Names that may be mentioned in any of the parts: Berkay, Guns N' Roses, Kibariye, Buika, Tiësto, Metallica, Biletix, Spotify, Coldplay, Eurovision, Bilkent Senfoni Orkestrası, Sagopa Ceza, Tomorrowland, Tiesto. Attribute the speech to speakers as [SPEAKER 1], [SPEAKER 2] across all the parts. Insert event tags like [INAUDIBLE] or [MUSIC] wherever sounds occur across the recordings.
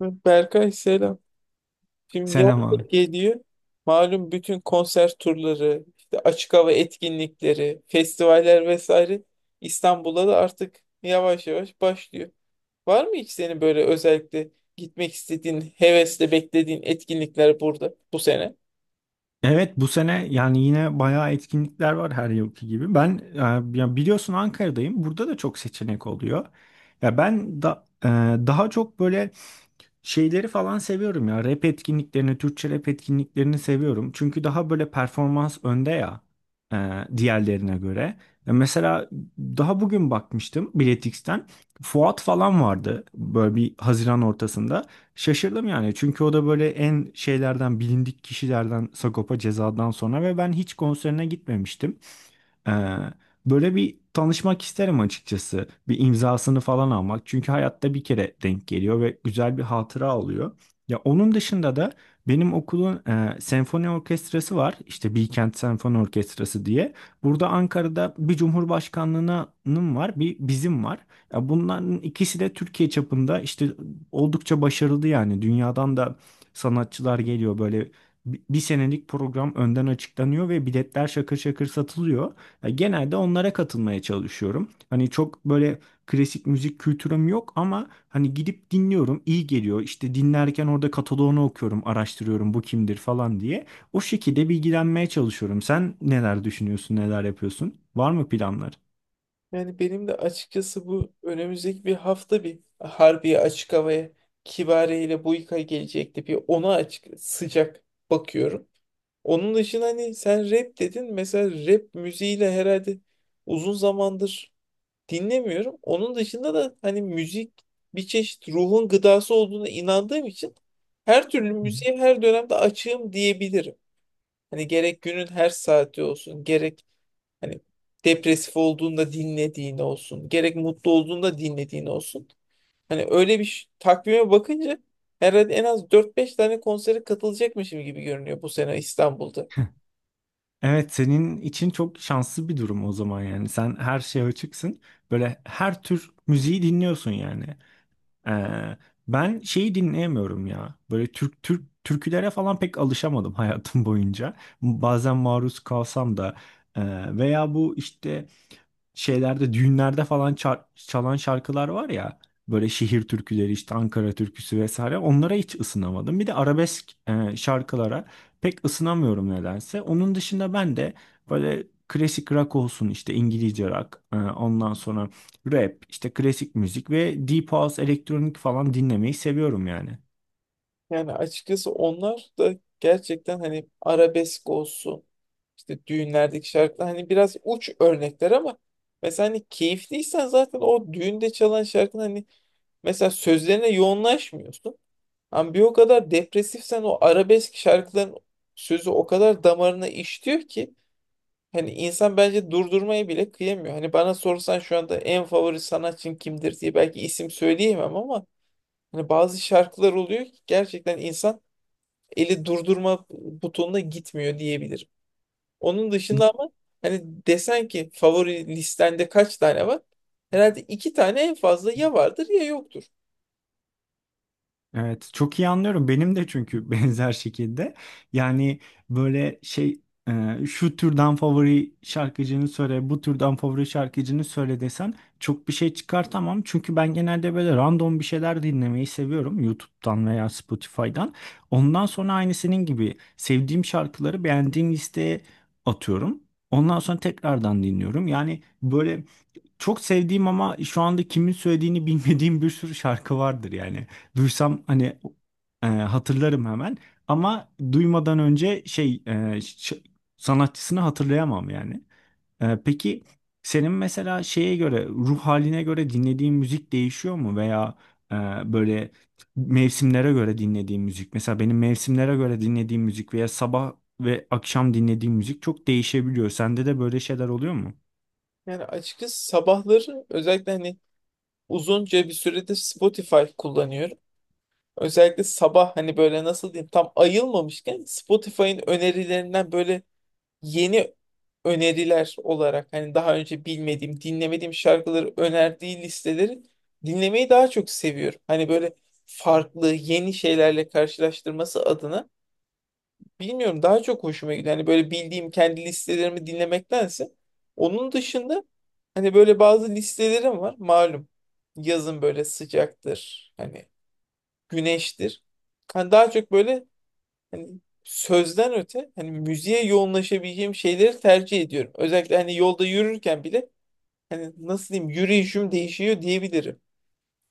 [SPEAKER 1] Berkay selam. Şimdi yaz
[SPEAKER 2] Selam
[SPEAKER 1] da
[SPEAKER 2] abi.
[SPEAKER 1] geliyor. Malum bütün konser turları, işte açık hava etkinlikleri, festivaller vesaire İstanbul'da da artık yavaş yavaş başlıyor. Var mı hiç senin böyle özellikle gitmek istediğin, hevesle beklediğin etkinlikler burada bu sene?
[SPEAKER 2] Evet, bu sene yani yine bayağı etkinlikler var her yılki gibi. Ben ya biliyorsun, Ankara'dayım. Burada da çok seçenek oluyor. Ya ben da, daha çok böyle şeyleri falan seviyorum ya. Rap etkinliklerini, Türkçe rap etkinliklerini seviyorum. Çünkü daha böyle performans önde ya, diğerlerine göre. Mesela daha bugün bakmıştım Biletix'ten. Fuat falan vardı böyle bir Haziran ortasında. Şaşırdım yani, çünkü o da böyle en şeylerden, bilindik kişilerden Sagopa Ceza'dan sonra ve ben hiç konserine gitmemiştim. Ee, böyle bir tanışmak isterim açıkçası. Bir imzasını falan almak. Çünkü hayatta bir kere denk geliyor ve güzel bir hatıra oluyor. Ya onun dışında da benim okulun senfoni orkestrası var. İşte Bilkent Senfoni Orkestrası diye. Burada Ankara'da bir cumhurbaşkanlığının var, bir bizim var. Ya bunların ikisi de Türkiye çapında işte oldukça başarılı yani. Dünyadan da sanatçılar geliyor, böyle bir senelik program önden açıklanıyor ve biletler şakır şakır satılıyor. Genelde onlara katılmaya çalışıyorum. Hani çok böyle klasik müzik kültürüm yok ama hani gidip dinliyorum, iyi geliyor. İşte dinlerken orada kataloğunu okuyorum, araştırıyorum bu kimdir falan diye. O şekilde bilgilenmeye çalışıyorum. Sen neler düşünüyorsun, neler yapıyorsun? Var mı planlar?
[SPEAKER 1] Yani benim de açıkçası bu önümüzdeki bir hafta bir Harbiye Açık Hava'ya Kibariye ile Buika gelecekti. Bir ona açık sıcak bakıyorum. Onun dışında hani sen rap dedin. Mesela rap müziğiyle herhalde uzun zamandır dinlemiyorum. Onun dışında da hani müzik bir çeşit ruhun gıdası olduğuna inandığım için her türlü
[SPEAKER 2] Hı hı.
[SPEAKER 1] müziğe her dönemde açığım diyebilirim. Hani gerek günün her saati olsun, gerek hani depresif olduğunda dinlediğin olsun, gerek mutlu olduğunda dinlediğin olsun. Hani öyle bir takvime bakınca herhalde en az dört beş tane konsere katılacakmışım gibi görünüyor bu sene İstanbul'da.
[SPEAKER 2] Evet, senin için çok şanslı bir durum o zaman yani. Sen her şeye açıksın. Böyle her tür müziği dinliyorsun yani. Ee, ben şeyi dinleyemiyorum ya. Böyle Türk Türk türkülere falan pek alışamadım [LAUGHS] hayatım boyunca. Bazen maruz kalsam da, e, veya bu işte şeylerde, düğünlerde falan çalan şarkılar var ya, böyle şehir türküleri, işte Ankara türküsü vesaire, onlara hiç ısınamadım. Bir de arabesk şarkılara pek ısınamıyorum nedense. Onun dışında ben de böyle klasik rock olsun, işte İngilizce rock ondan sonra rap, işte klasik müzik ve deep house, elektronik falan dinlemeyi seviyorum yani.
[SPEAKER 1] Yani açıkçası onlar da gerçekten hani arabesk olsun, işte düğünlerdeki şarkılar hani biraz uç örnekler ama mesela hani keyifliysen zaten o düğünde çalan şarkının hani mesela sözlerine yoğunlaşmıyorsun. Ama bir o kadar depresifsen o arabesk şarkıların sözü o kadar damarına işliyor ki hani insan bence durdurmaya bile kıyamıyor. Hani bana sorsan şu anda en favori sanatçın kimdir diye belki isim söyleyemem ama hani bazı şarkılar oluyor ki gerçekten insan eli durdurma butonuna gitmiyor diyebilirim. Onun dışında ama hani desen ki favori listende kaç tane var? Herhalde iki tane en fazla ya vardır ya yoktur.
[SPEAKER 2] Evet, çok iyi anlıyorum. Benim de çünkü [LAUGHS] benzer şekilde. Yani böyle şey, şu türden favori şarkıcını söyle, bu türden favori şarkıcını söyle desen, çok bir şey çıkartamam. Çünkü ben genelde böyle random bir şeyler dinlemeyi seviyorum YouTube'dan veya Spotify'dan. Ondan sonra aynı senin gibi sevdiğim şarkıları beğendiğim listeye atıyorum. Ondan sonra tekrardan dinliyorum. Yani böyle çok sevdiğim ama şu anda kimin söylediğini bilmediğim bir sürü şarkı vardır yani. Duysam hani, hatırlarım hemen, ama duymadan önce şey sanatçısını hatırlayamam yani. Peki senin mesela şeye göre, ruh haline göre dinlediğin müzik değişiyor mu veya e, böyle mevsimlere göre dinlediğin müzik? Mesela benim mevsimlere göre dinlediğim müzik veya sabah ve akşam dinlediğim müzik çok değişebiliyor. Sende de böyle şeyler oluyor mu?
[SPEAKER 1] Yani açıkçası sabahları özellikle hani uzunca bir süredir Spotify kullanıyorum. Özellikle sabah hani böyle nasıl diyeyim tam ayılmamışken Spotify'ın önerilerinden böyle yeni öneriler olarak hani daha önce bilmediğim, dinlemediğim şarkıları önerdiği listeleri dinlemeyi daha çok seviyorum. Hani böyle farklı yeni şeylerle karşılaştırması adına bilmiyorum daha çok hoşuma gidiyor. Hani böyle bildiğim kendi listelerimi dinlemektense onun dışında hani böyle bazı listelerim var malum. Yazın böyle sıcaktır. Hani güneştir. Hani daha çok böyle hani sözden öte hani müziğe yoğunlaşabileceğim şeyleri tercih ediyorum. Özellikle hani yolda yürürken bile hani nasıl diyeyim yürüyüşüm değişiyor diyebilirim.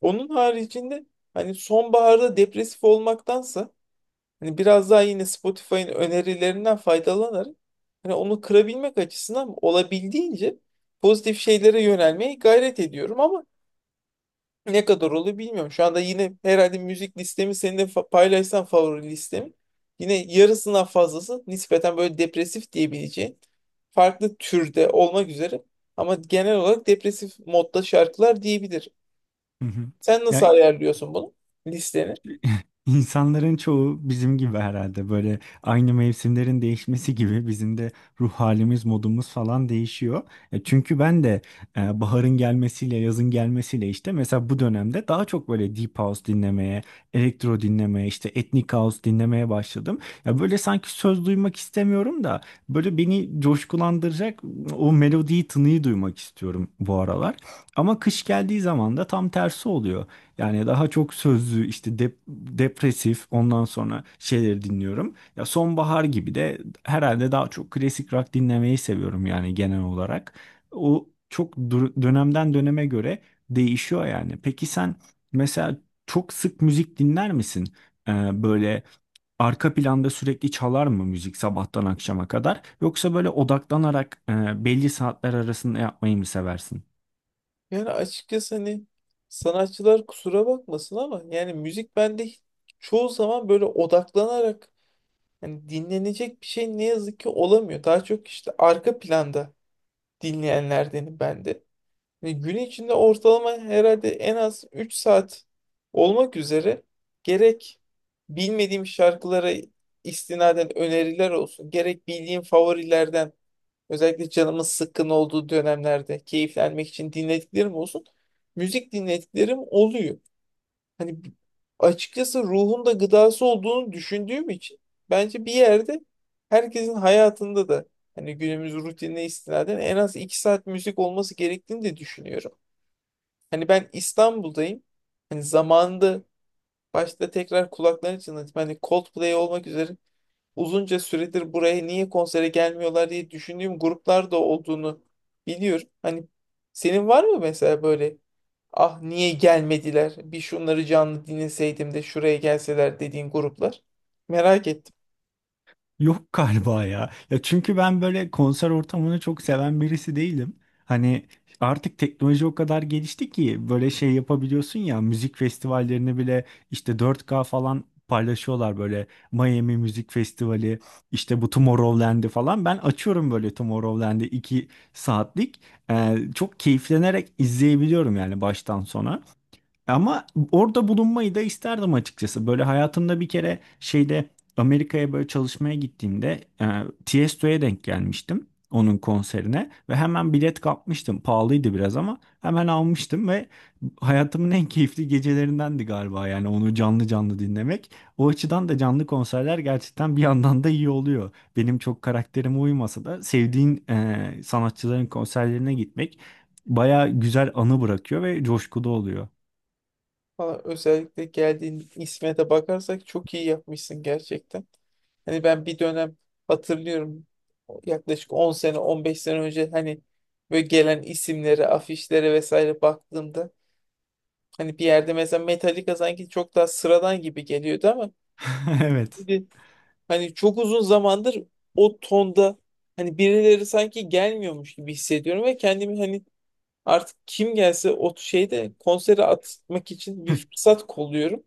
[SPEAKER 1] Onun haricinde hani sonbaharda depresif olmaktansa hani biraz daha yine Spotify'ın önerilerinden faydalanarak hani onu kırabilmek açısından olabildiğince pozitif şeylere yönelmeye gayret ediyorum ama ne kadar olur bilmiyorum. Şu anda yine herhalde müzik listemi seninle paylaşsam favori listemi. Yine yarısından fazlası nispeten böyle depresif diyebileceğin farklı türde olmak üzere ama genel olarak depresif modda şarkılar diyebilir.
[SPEAKER 2] Hı hı.
[SPEAKER 1] Sen
[SPEAKER 2] Ya,
[SPEAKER 1] nasıl ayarlıyorsun bunu listeni?
[SPEAKER 2] İnsanların çoğu bizim gibi herhalde, böyle aynı mevsimlerin değişmesi gibi bizim de ruh halimiz, modumuz falan değişiyor. Çünkü ben de baharın gelmesiyle, yazın gelmesiyle işte mesela bu dönemde daha çok böyle deep house dinlemeye, elektro dinlemeye, işte ethnic house dinlemeye başladım. Ya böyle sanki söz duymak istemiyorum da, böyle beni coşkulandıracak o melodiyi, tınıyı duymak istiyorum bu aralar. Ama kış geldiği zaman da tam tersi oluyor. Yani daha çok sözlü, işte depresif, ondan sonra şeyleri dinliyorum. Ya sonbahar gibi de herhalde daha çok klasik rock dinlemeyi seviyorum yani genel olarak. O çok dönemden döneme göre değişiyor yani. Peki sen mesela çok sık müzik dinler misin? Böyle arka planda sürekli çalar mı müzik sabahtan akşama kadar? Yoksa böyle odaklanarak belli saatler arasında yapmayı mı seversin?
[SPEAKER 1] Yani açıkçası hani sanatçılar kusura bakmasın ama yani müzik bende çoğu zaman böyle odaklanarak hani dinlenecek bir şey ne yazık ki olamıyor. Daha çok işte arka planda dinleyenlerdenim ben de. Hani gün içinde ortalama herhalde en az 3 saat olmak üzere gerek bilmediğim şarkılara istinaden öneriler olsun, gerek bildiğim favorilerden özellikle canımın sıkkın olduğu dönemlerde keyiflenmek için dinlediklerim olsun. Müzik dinlediklerim oluyor. Hani açıkçası ruhun da gıdası olduğunu düşündüğüm için bence bir yerde herkesin hayatında da hani günümüz rutinine istinaden en az iki saat müzik olması gerektiğini de düşünüyorum. Hani ben İstanbul'dayım. Hani zamanında başta tekrar kulaklarını çınlatayım. Hani Coldplay olmak üzere uzunca süredir buraya niye konsere gelmiyorlar diye düşündüğüm gruplar da olduğunu biliyorum. Hani senin var mı mesela böyle ah niye gelmediler, bir şunları canlı dinleseydim de şuraya gelseler dediğin gruplar? Merak ettim.
[SPEAKER 2] Yok [LAUGHS] galiba ya. Ya çünkü ben böyle konser ortamını çok seven birisi değilim. Hani artık teknoloji o kadar gelişti ki böyle şey yapabiliyorsun ya, müzik festivallerini bile işte 4K falan paylaşıyorlar, böyle Miami Müzik Festivali, işte bu Tomorrowland'i falan ben açıyorum, böyle Tomorrowland'i 2 saatlik, çok keyiflenerek izleyebiliyorum yani baştan sona. Ama orada bulunmayı da isterdim açıkçası. Böyle hayatımda bir kere şeyde, Amerika'ya böyle çalışmaya gittiğimde, Tiesto'ya denk gelmiştim, onun konserine ve hemen bilet kapmıştım. Pahalıydı biraz ama hemen almıştım ve hayatımın en keyifli gecelerindendi galiba yani, onu canlı canlı dinlemek. O açıdan da canlı konserler gerçekten bir yandan da iyi oluyor. Benim çok karakterime uymasa da sevdiğin sanatçıların konserlerine gitmek baya güzel anı bırakıyor ve coşkulu oluyor.
[SPEAKER 1] Valla özellikle geldiğin isme de bakarsak çok iyi yapmışsın gerçekten. Hani ben bir dönem hatırlıyorum, yaklaşık 10 sene 15 sene önce hani böyle gelen isimlere afişlere vesaire baktığımda hani bir yerde mesela Metallica sanki çok daha sıradan gibi geliyordu ama
[SPEAKER 2] [LAUGHS] Evet.
[SPEAKER 1] şimdi hani çok uzun zamandır o tonda hani birileri sanki gelmiyormuş gibi hissediyorum ve kendimi hani artık kim gelse o şeyde konsere atmak için bir
[SPEAKER 2] [LAUGHS]
[SPEAKER 1] fırsat kolluyorum.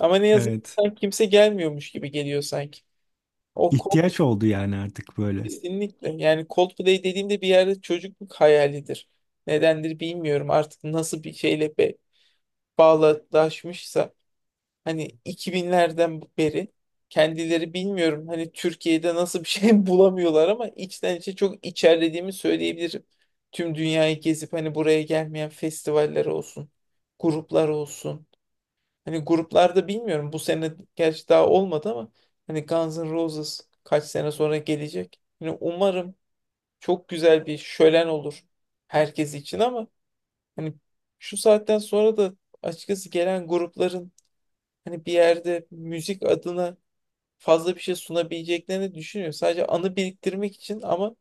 [SPEAKER 1] Ama ne yazık ki
[SPEAKER 2] Evet.
[SPEAKER 1] sanki kimse gelmiyormuş gibi geliyor sanki. O Coldplay
[SPEAKER 2] İhtiyaç oldu yani artık böyle.
[SPEAKER 1] kesinlikle, yani Coldplay dediğimde bir yerde çocukluk hayalidir. Nedendir bilmiyorum artık nasıl bir şeyle bağdaşmışsa. Hani 2000'lerden beri kendileri bilmiyorum hani Türkiye'de nasıl bir şey [LAUGHS] bulamıyorlar ama içten içe çok içerlediğimi söyleyebilirim. Tüm dünyayı gezip hani buraya gelmeyen festivaller olsun, gruplar olsun. Hani gruplarda bilmiyorum bu sene gerçi daha olmadı ama hani Guns N' Roses kaç sene sonra gelecek. Hani umarım çok güzel bir şölen olur herkes için ama hani şu saatten sonra da açıkçası gelen grupların hani bir yerde müzik adına fazla bir şey sunabileceklerini düşünüyor. Sadece anı biriktirmek için ama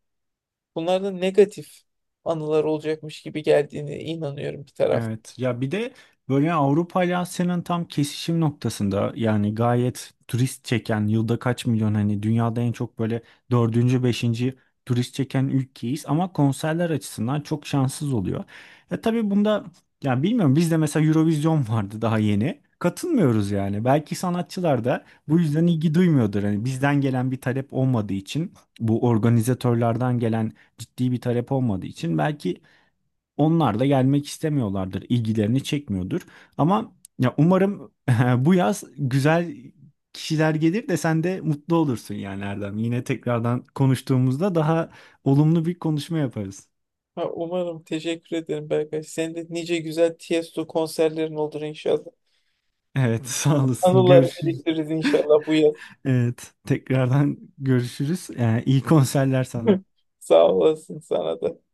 [SPEAKER 1] bunlarda negatif anılar olacakmış gibi geldiğine inanıyorum bir tarafta.
[SPEAKER 2] Evet, ya bir de böyle Avrupa ile Asya'nın tam kesişim noktasında, yani gayet turist çeken, yılda kaç milyon, hani dünyada en çok böyle dördüncü, beşinci turist çeken ülkeyiz ama konserler açısından çok şanssız oluyor. Ya tabii bunda, ya bilmiyorum, bizde mesela Eurovision vardı, daha yeni katılmıyoruz yani, belki sanatçılar da bu yüzden ilgi duymuyordur, hani bizden gelen bir talep olmadığı için, bu organizatörlerden gelen ciddi bir talep olmadığı için belki onlar da gelmek istemiyorlardır, ilgilerini çekmiyordur. Ama, ya umarım [LAUGHS] bu yaz güzel kişiler gelir de sen de mutlu olursun yani Erdem. Yine tekrardan konuştuğumuzda daha olumlu bir konuşma yaparız.
[SPEAKER 1] Ha, umarım. Teşekkür ederim Berkay. Senin de nice güzel Tiesto konserlerin olur inşallah.
[SPEAKER 2] Evet, [LAUGHS] sağ olasın.
[SPEAKER 1] Anılar
[SPEAKER 2] Görüşürüz.
[SPEAKER 1] biriktiririz inşallah bu yaz.
[SPEAKER 2] Evet, tekrardan görüşürüz. İyi konserler sana.
[SPEAKER 1] [LAUGHS] Sağ olasın sana da.